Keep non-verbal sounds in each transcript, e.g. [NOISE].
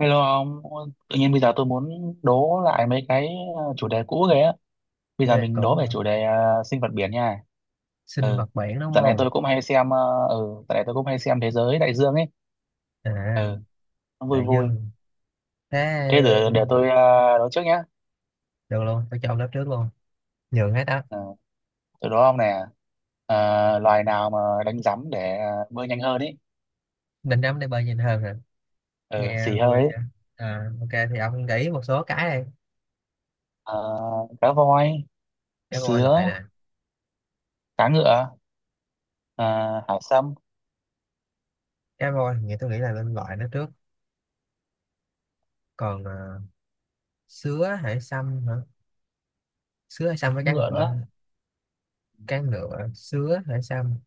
Hello ông, tự nhiên bây giờ tôi muốn đố lại mấy cái chủ đề cũ ghê á. Bây Chủ giờ đề mình cũ đố về hả? chủ đề sinh vật biển nha. Sinh Ừ. vật biển đúng Dạo này không? tôi cũng hay xem, ờ, ừ, Dạo này tôi cũng hay xem Thế giới đại dương ấy. À, Ừ, nó vui đại vui. dương. Thế Thế để tôi đố trước nhá. được luôn, tôi chọn lớp trước luôn, nhường hết á. Ừ, tôi đố ông nè. Ờ, Loài nào mà đánh rắm để bơi nhanh hơn ấy. Định đắm để bơi nhìn hơn hả? Ừ, Nghe xì hơi vui vậy. ấy. Ok thì ông nghĩ một số cái đi. Ờ, Cá voi, Cá voi loại sứa, nè. cá ngựa, ờ, hải sâm, Cá voi thì nghĩ tôi nghĩ là nên loại nó trước. Còn sứa hải sâm hả? Sứa hải sâm cá với cá ngựa ngựa. nữa. Cá ngựa sứa hải sâm,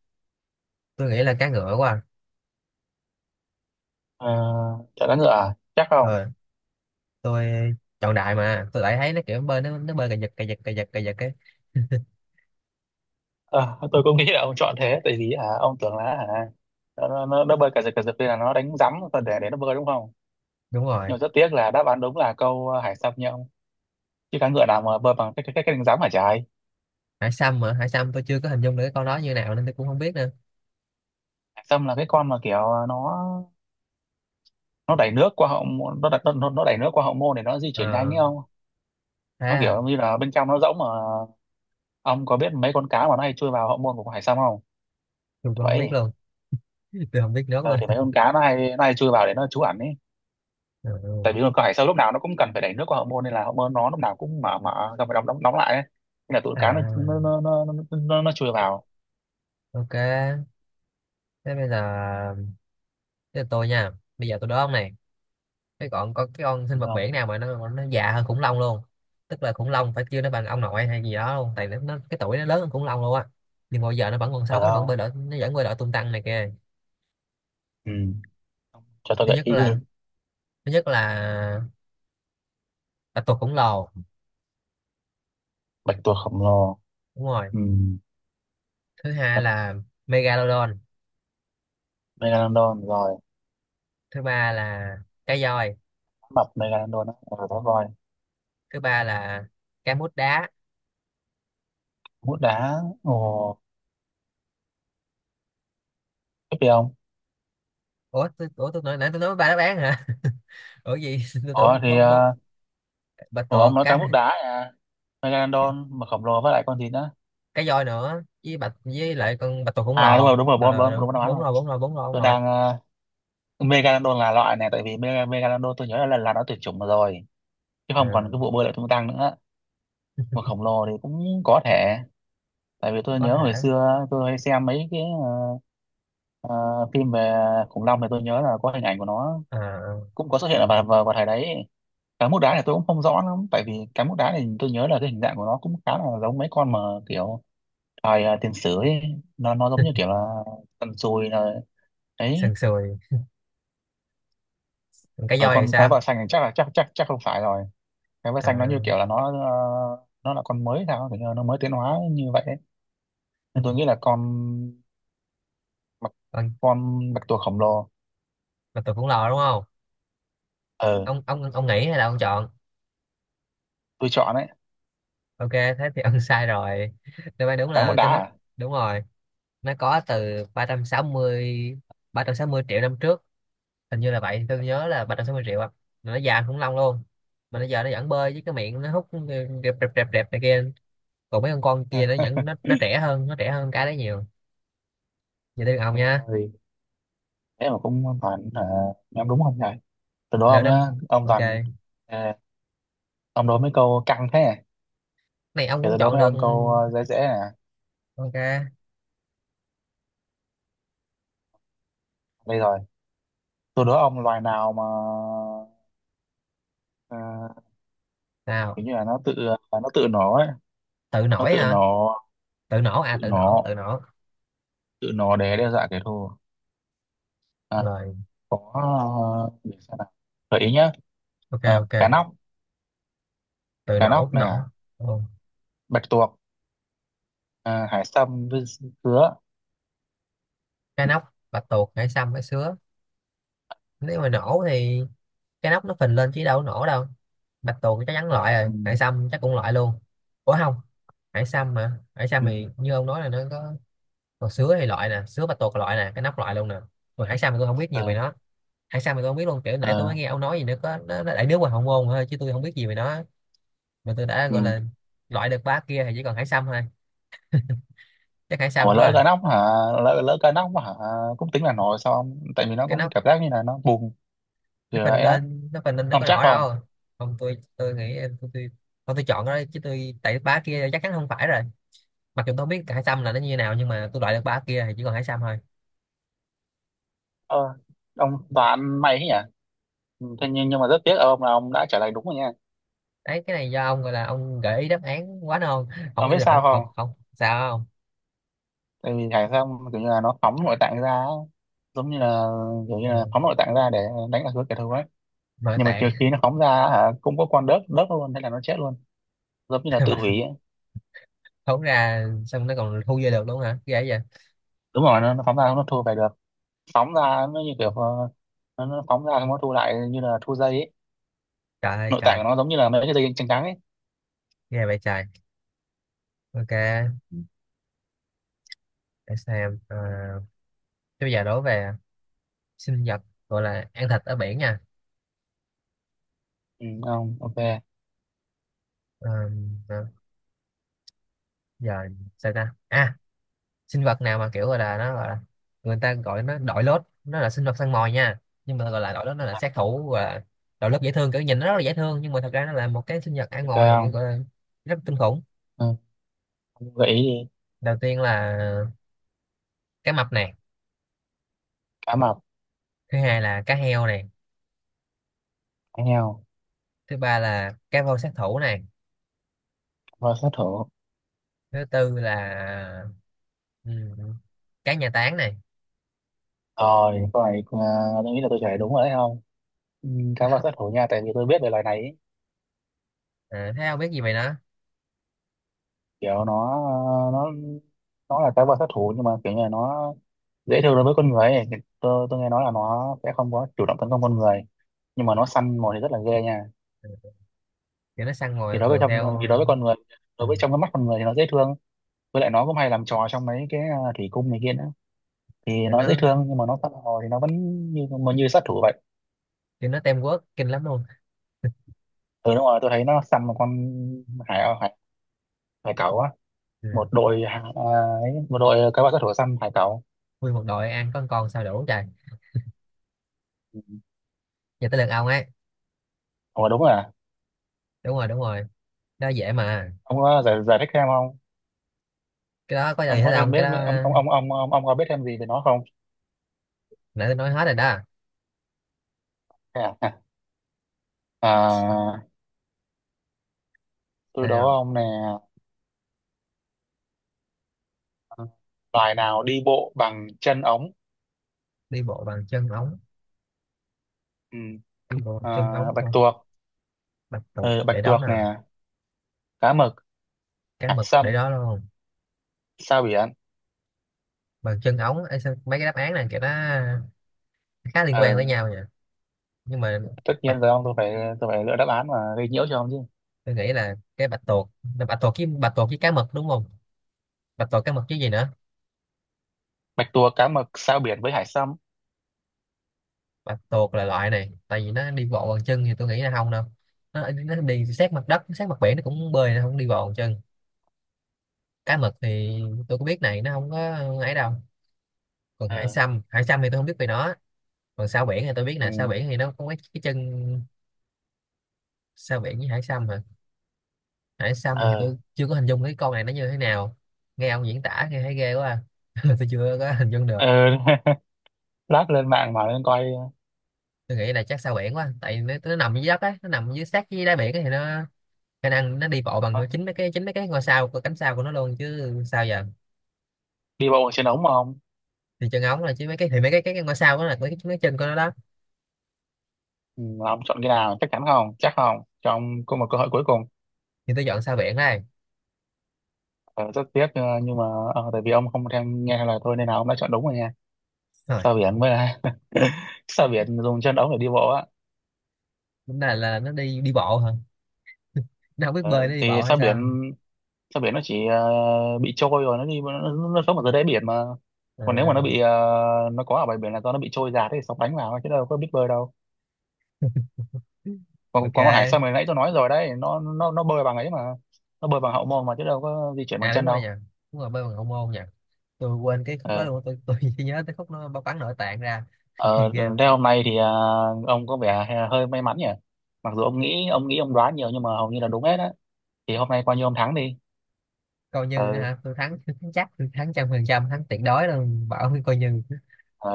tôi nghĩ là cá ngựa quá à. Ờ, Chọn cá ngựa à? Chắc không? Ờ, tôi chọn đại mà tôi lại thấy nó kiểu bơi nó bơi cà giật cà giật cà giật cà giật ấy. Ờ, tôi cũng nghĩ là ông chọn thế, tại vì ông tưởng là nó bơi cả giật cả giật. Đây là nó đánh rắm và để nó bơi đúng không. Đúng rồi. Nhưng mà rất tiếc là đáp án đúng là câu hải sâm nha ông, chứ cá ngựa nào mà bơi bằng cái đánh rắm hả trời. Hải sâm, mà hải sâm tôi chưa có hình dung được cái con đó như nào nên tôi cũng không biết nữa. Hải sâm là cái con mà kiểu nó đẩy nước qua hậu môn- nó đặt nó đẩy nước qua hậu môn để nó di chuyển nhanh Ờ, ấy không. thế Nó à? kiểu như là bên trong nó rỗng mà. Ông có biết mấy con cá mà nó hay chui vào hậu môn của con hải sâm không? Tôi cũng không biết Vậy luôn. [LAUGHS] Tôi không biết nước ờ, luôn. thì mấy [LAUGHS] con cá nó hay chui vào để nó trú ẩn ấy. Ờ, Tại vì thường cơ hải sâu lúc nào nó cũng cần phải đẩy nước qua hậu môn, nên là hậu môn nó lúc nào cũng mở mở ra phải đóng đóng đóng lại ấy. Nên là tụi cá à, nó chui vào. ok thế bây giờ, thế là tôi nha, bây giờ tôi đố ông này. Cái còn có cái con sinh Hiểu vật không? biển nào mà nó già hơn khủng long luôn. Tức là khủng long phải kêu nó bằng ông nội hay gì đó luôn, tại nó cái tuổi nó lớn hơn khủng long luôn á. Nhưng mà bây giờ nó vẫn còn sống, Ở nó vẫn không. bơi lội, nó vẫn bơi lội tung tăng này kìa. Ừ. Cho tôi thứ gợi nhất ý đi. là thứ nhất là bạch tuộc khổng lồ. Bạch tuộc khổng lồ. Đúng rồi. Ừ. Thứ hai Không. là megalodon. Megalodon rồi. Thứ ba là cá voi. Mập megalodon đó rồi đó rồi. Thứ ba là cá mút đá. Mút đá ồ. Tiếp đi ông. Ủa tôi nói, nãy tôi nói ba đáp án hả? [LAUGHS] Ủa gì, [LAUGHS] tôi tưởng ủa thì bốn bốn. ờ, Bạch Ủa ông tuộc nói cá cá, mút đá à? Megalodon mà khổng lồ với lại con gì nữa? cá voi nữa với bạch với lại con bạch tuộc khổng À đúng lồ. rồi, đúng rồi, bon Ờ bon, đúng, đúng rồi, đáp án bốn rồi. rồi bốn rồi bốn rồi bốn Tôi rồi đang megalodon là loại này, tại vì megalodon tôi nhớ là lần là nó tuyệt chủng rồi, chứ không còn cái Ờ, vụ bơi lội tung tăng nữa. Mà khổng lồ thì cũng có thể, tại vì tôi có nhớ hồi hả? xưa tôi hay xem mấy cái ờ, phim về khủng long, thì tôi nhớ là có hình ảnh của nó Ờ, cũng có xuất hiện ở vào thời đấy. Cá mút đá thì tôi cũng không rõ lắm, tại vì cá mút đá thì tôi nhớ là cái hình dạng của nó cũng khá là giống mấy con mà kiểu thời tiền sử ấy. Nó giống như kiểu là tần sùi là ấy. sần sùi. Còn cá Ở voi thì con cá sao? vợ xanh thì chắc là chắc chắc chắc không phải rồi. Cá vợ Ờ, xanh nó như kiểu là nó, nó là con mới sao, kiểu như là nó mới tiến hóa như vậy, nên tôi nghĩ là con bạch, con con bạch tuộc khổng lồ. bạch tuộc khổng lồ đúng không? Ờ, Ông nghĩ hay là ông chọn? tôi chọn đấy. Ok thế thì [LAUGHS] ông sai rồi. Đáp án đúng Cái mẫu là đá cá mút. à? Đúng rồi, nó có từ ba ba trăm trăm sáu mươi ba trăm sáu mươi triệu năm trước. Hình như là vậy, tôi nhớ là 360 triệu à, mà nó già khủng long luôn. Mà bây giờ nó vẫn bơi với cái miệng nó hút rẹp rẹp rẹp rẹp này kia. Còn mấy con kia nó Ha, vẫn nó trẻ hơn, nó trẻ hơn cái đấy nhiều. Giờ tới lượt ông nha. rồi. Thế mà cũng toàn hả, nhắm đúng không nhỉ. Tôi đố Lựa ông năm. nhá, ông Ok, toàn... À, ông đố mấy câu căng thế này, này ông để cũng tôi đố chọn mấy được. ông câu dễ dễ này. Ok, Đây rồi. Tôi đố ông loài nào mà ờ, nào. kiểu như là nó tự, nó tự nổ ấy. Tự Nó nổi tự hả? nổ. Tự nổ à, Tự tự nổ nổ. tự nổ. Tự nổ để đe dọa kẻ thù. à, Rồi, có để xem nào, gợi ý nhá. ok ok. Cá nóc. Tự Cá nổ nóc nè, nổ. Ừ. bạch tuộc, hải sâm với dứa. Cá nóc, bạch tuộc, hải sâm, hải sứa. Nếu mà nổ thì cái nóc nó phình lên chứ đâu có nổ đâu. Bạch tuộc chắc chắn loại rồi, Ừ, hải sâm chắc cũng loại luôn. Ủa không, hải sâm, mà hải sâm ừ, thì như ông nói là nó có. Còn sứa thì loại nè, sứa bạch tuộc loại nè, cái nóc loại luôn nè. Còn hải sâm thì tôi không biết nhiều về ờ, nó. Hải sâm thì tôi không biết luôn, kiểu nãy tôi mới ờ, nghe ông nói gì nữa, có nó đại nước ngoài hậu môn thôi chứ tôi không biết gì về nó. Mà tôi đã ừ. gọi là loại được ba kia thì chỉ còn hải sâm thôi. Chắc hải sâm Ủa quá lỡ à. cá nóc hả? Lỡ lỡ cá nóc hả? Cũng tính là nổi sao ông, tại vì nó Cái cũng nóc cảm giác như là nó bùng nó kiểu phình vậy á. lên nó phình lên nó Ông có chắc nổ không? đâu. Không, tôi tôi nghĩ tôi chọn cái đó chứ, tôi tại ba kia chắc chắn không phải rồi. Mặc dù tôi không biết hải xăm là nó như thế nào nhưng mà tôi loại được ba kia thì chỉ còn hải xăm thôi. ờ, ông đoán may thế nhỉ. Ừ, thế nhưng mà rất tiếc ông, là ông đã trả lời đúng rồi nha. Đấy, cái này do ông gọi là ông gợi ý đáp án quá non. Không, Ông bây biết giờ sao không, không không? không sao không. Tại vì hải sâm kiểu như là nó phóng nội tạng ra á. Giống như là, kiểu như Ừ. là phóng nội tạng ra để đánh lạc hướng kẻ thù ấy. Nội Nhưng mà trừ tạng. khi nó phóng ra hả cũng có con đớp đớp luôn thế là nó chết luôn, giống như là tự [LAUGHS] Và hủy ấy. thốn ra xong nó còn thu về được luôn hả, ghê vậy. Đúng rồi, nó phóng ra nó thua về được. Phóng ra nó như kiểu nó phóng ra xong nó thu lại như là thu dây ấy. Trời ơi Nội tạng trời. của nó giống như là mấy cái dây chằng trắng ấy. Ghê vậy trời. Ok, để xem. Ờ, thế bây giờ đố về sinh vật gọi là ăn thịt ở biển nha. Ừ, không ok. Ờ, ờ, giờ sao ta à, sinh vật nào mà kiểu gọi là nó gọi là, người ta gọi nó đội lốt, nó là sinh vật săn mồi nha. Nhưng mà gọi là đội lốt, nó là sát thủ, gọi là đội lốt dễ thương, kiểu nhìn nó rất là dễ thương nhưng mà thật ra nó là một cái sinh vật ăn Ok mồi vậy, không. gọi là rất kinh khủng. Ừ, không gợi ý đi. Đầu tiên là cá mập này. Cá mập, Thứ hai là cá heo này. cá heo, Thứ ba là cá voi sát thủ này. cá voi sát thủ. Thứ tư là ừm, cá nhà táng này. Rồi, câu này tôi nghĩ là tôi trả lời đúng rồi đấy không. Ừ, cá voi sát [LAUGHS] thủ nha, tại vì tôi biết về loài này ấy. À, thấy không biết gì vậy nó. Kiểu nó nó là cá voi sát thủ, nhưng mà kiểu như là nó dễ thương đối với con người ấy. Tôi nghe nói là nó sẽ không có chủ động tấn công con người, nhưng mà nó săn mồi thì rất là ghê nha. Thì nó săn mồi thường theo. Thì đối với con người, Ừ, đối với trong cái mắt con người thì nó dễ thương. Với lại nó cũng hay làm trò trong mấy cái thủy cung này kia nữa. Thì kiểu nó dễ nó, thương nhưng mà nó săn hồ thì nó vẫn như mà như sát thủ vậy. kiểu nó teamwork kinh lắm luôn. Ừ đúng rồi, tôi thấy nó săn một con hải hải hải cẩu á. Một Ừ. đội ấy, một đội cá bạc sát thủ săn hải cẩu. Nguyên một đội ăn con sao đủ trời. Ừ. Giờ tới lượt ông ấy. Ủa đúng rồi à? Đúng rồi đúng rồi, đó dễ mà. Ông có giải thích thêm không? Cái đó có gì Ông hết có thêm ông, biết cái đó. Ông có biết thêm gì về nó không? Nãy tôi nói hết rồi đó. Thế à, à tôi đố Nào. ông nè. Loài nào đi bộ bằng chân ống? Đi bộ bằng chân ống? Ừ. Đi bộ bằng à, chân ống Bạch thôi? tuộc. Bạch tuộc Ừ, bạch để đó tuộc nè. nè, cá mực, Cá hải mực để sâm, đó luôn. sao biển. Bằng chân ống ấy, sao- mấy cái đáp án này kiểu nó khá liên quan tới Ờ, nhau nhỉ. Nhưng mà tất bạch, nhiên rồi ông, tôi phải lựa đáp án mà gây nhiễu cho ông chứ. tôi nghĩ là cái bạch tuộc. Bạch tuộc với bạch tuộc với cá mực đúng không? Bạch tuộc cá mực chứ gì nữa. Bạch tuộc, cá mực, sao biển với hải sâm. Bạch tuộc là loại này, tại vì nó đi bộ bằng chân thì tôi nghĩ là không đâu. Nó đi sát mặt đất sát mặt biển, nó cũng bơi, nó không đi bộ bằng chân. Cá mực thì tôi cũng biết này, nó không có ấy đâu. Còn hải Ờ. sâm, hải sâm thì tôi không biết về nó. Còn sao biển thì tôi biết Ừ. nè, sao biển thì nó có cái chân. Sao biển với hải sâm hả? Hải sâm thì Ờ. tôi chưa có hình dung cái con này nó như thế nào. Nghe ông diễn tả nghe thấy ghê quá à. [LAUGHS] Tôi chưa có hình dung được. Ờ. [LAUGHS] Lát lên mạng mà lên coi. Tôi nghĩ là chắc sao biển quá, tại nó nằm dưới đất á, nó nằm dưới sát dưới đáy biển á, thì nó khả năng nó đi bộ bằng ờ, chính mấy cái ngôi sao của cánh sao của nó luôn chứ sao giờ. Đi bộ trên ống mà ông. Thì chân ống là chứ mấy cái, thì mấy cái ngôi sao đó là mấy chân của nó đó. Ừ, mà ông chọn cái nào, chắc chắn không, chắc không, cho ông có một cơ hội cuối cùng. Thì tôi dọn sao biển đây. Nhưng mà tại vì ông không theo nghe lời tôi nên là ông đã chọn đúng rồi nha. Ờ. Sao biển mới là [LAUGHS] sao biển dùng chân ống để đi bộ á. Lúc này là nó đi đi bộ hả? Nó không biết ờ, bơi nó đi thì bộ hay sao biển, sao? sao biển nó chỉ bị trôi rồi nó đi nó sống ở dưới đáy biển mà. Còn nếu mà nó À, bị nó có ở bãi biển là do nó bị trôi giạt thì sóng đánh vào chứ đâu có biết bơi đâu. Còn còn con hải ok. sâm, hồi nãy tôi nói rồi đấy, nó bơi bằng ấy mà. Nó bơi bằng hậu môn mà, chứ đâu có di chuyển bằng À đúng chân rồi đâu. nha. Đúng rồi bơi bằng ông môn nha. Tôi quên cái khúc đó Ờ. luôn. Tôi chỉ nhớ tới khúc nó bao bắn nội tạng ra. [LAUGHS] Ờ, Ghê thế vậy. hôm nay thì ông có vẻ hơi may mắn nhỉ. Mặc dù ông nghĩ ông đoán nhiều nhưng mà hầu như là đúng hết á, thì hôm nay coi như ông thắng đi. Coi như nữa Ờ. hả? Tôi thắng, [LAUGHS] tôi thắng chắc, tôi thắng trăm phần trăm, thắng tuyệt đối luôn. Bảo với coi như. ờ,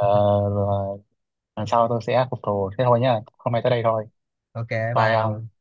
Rồi, lần sau tôi sẽ phục thù, thế thôi nhá, hôm nay tới đây thôi. Ok, Bye ông. bye.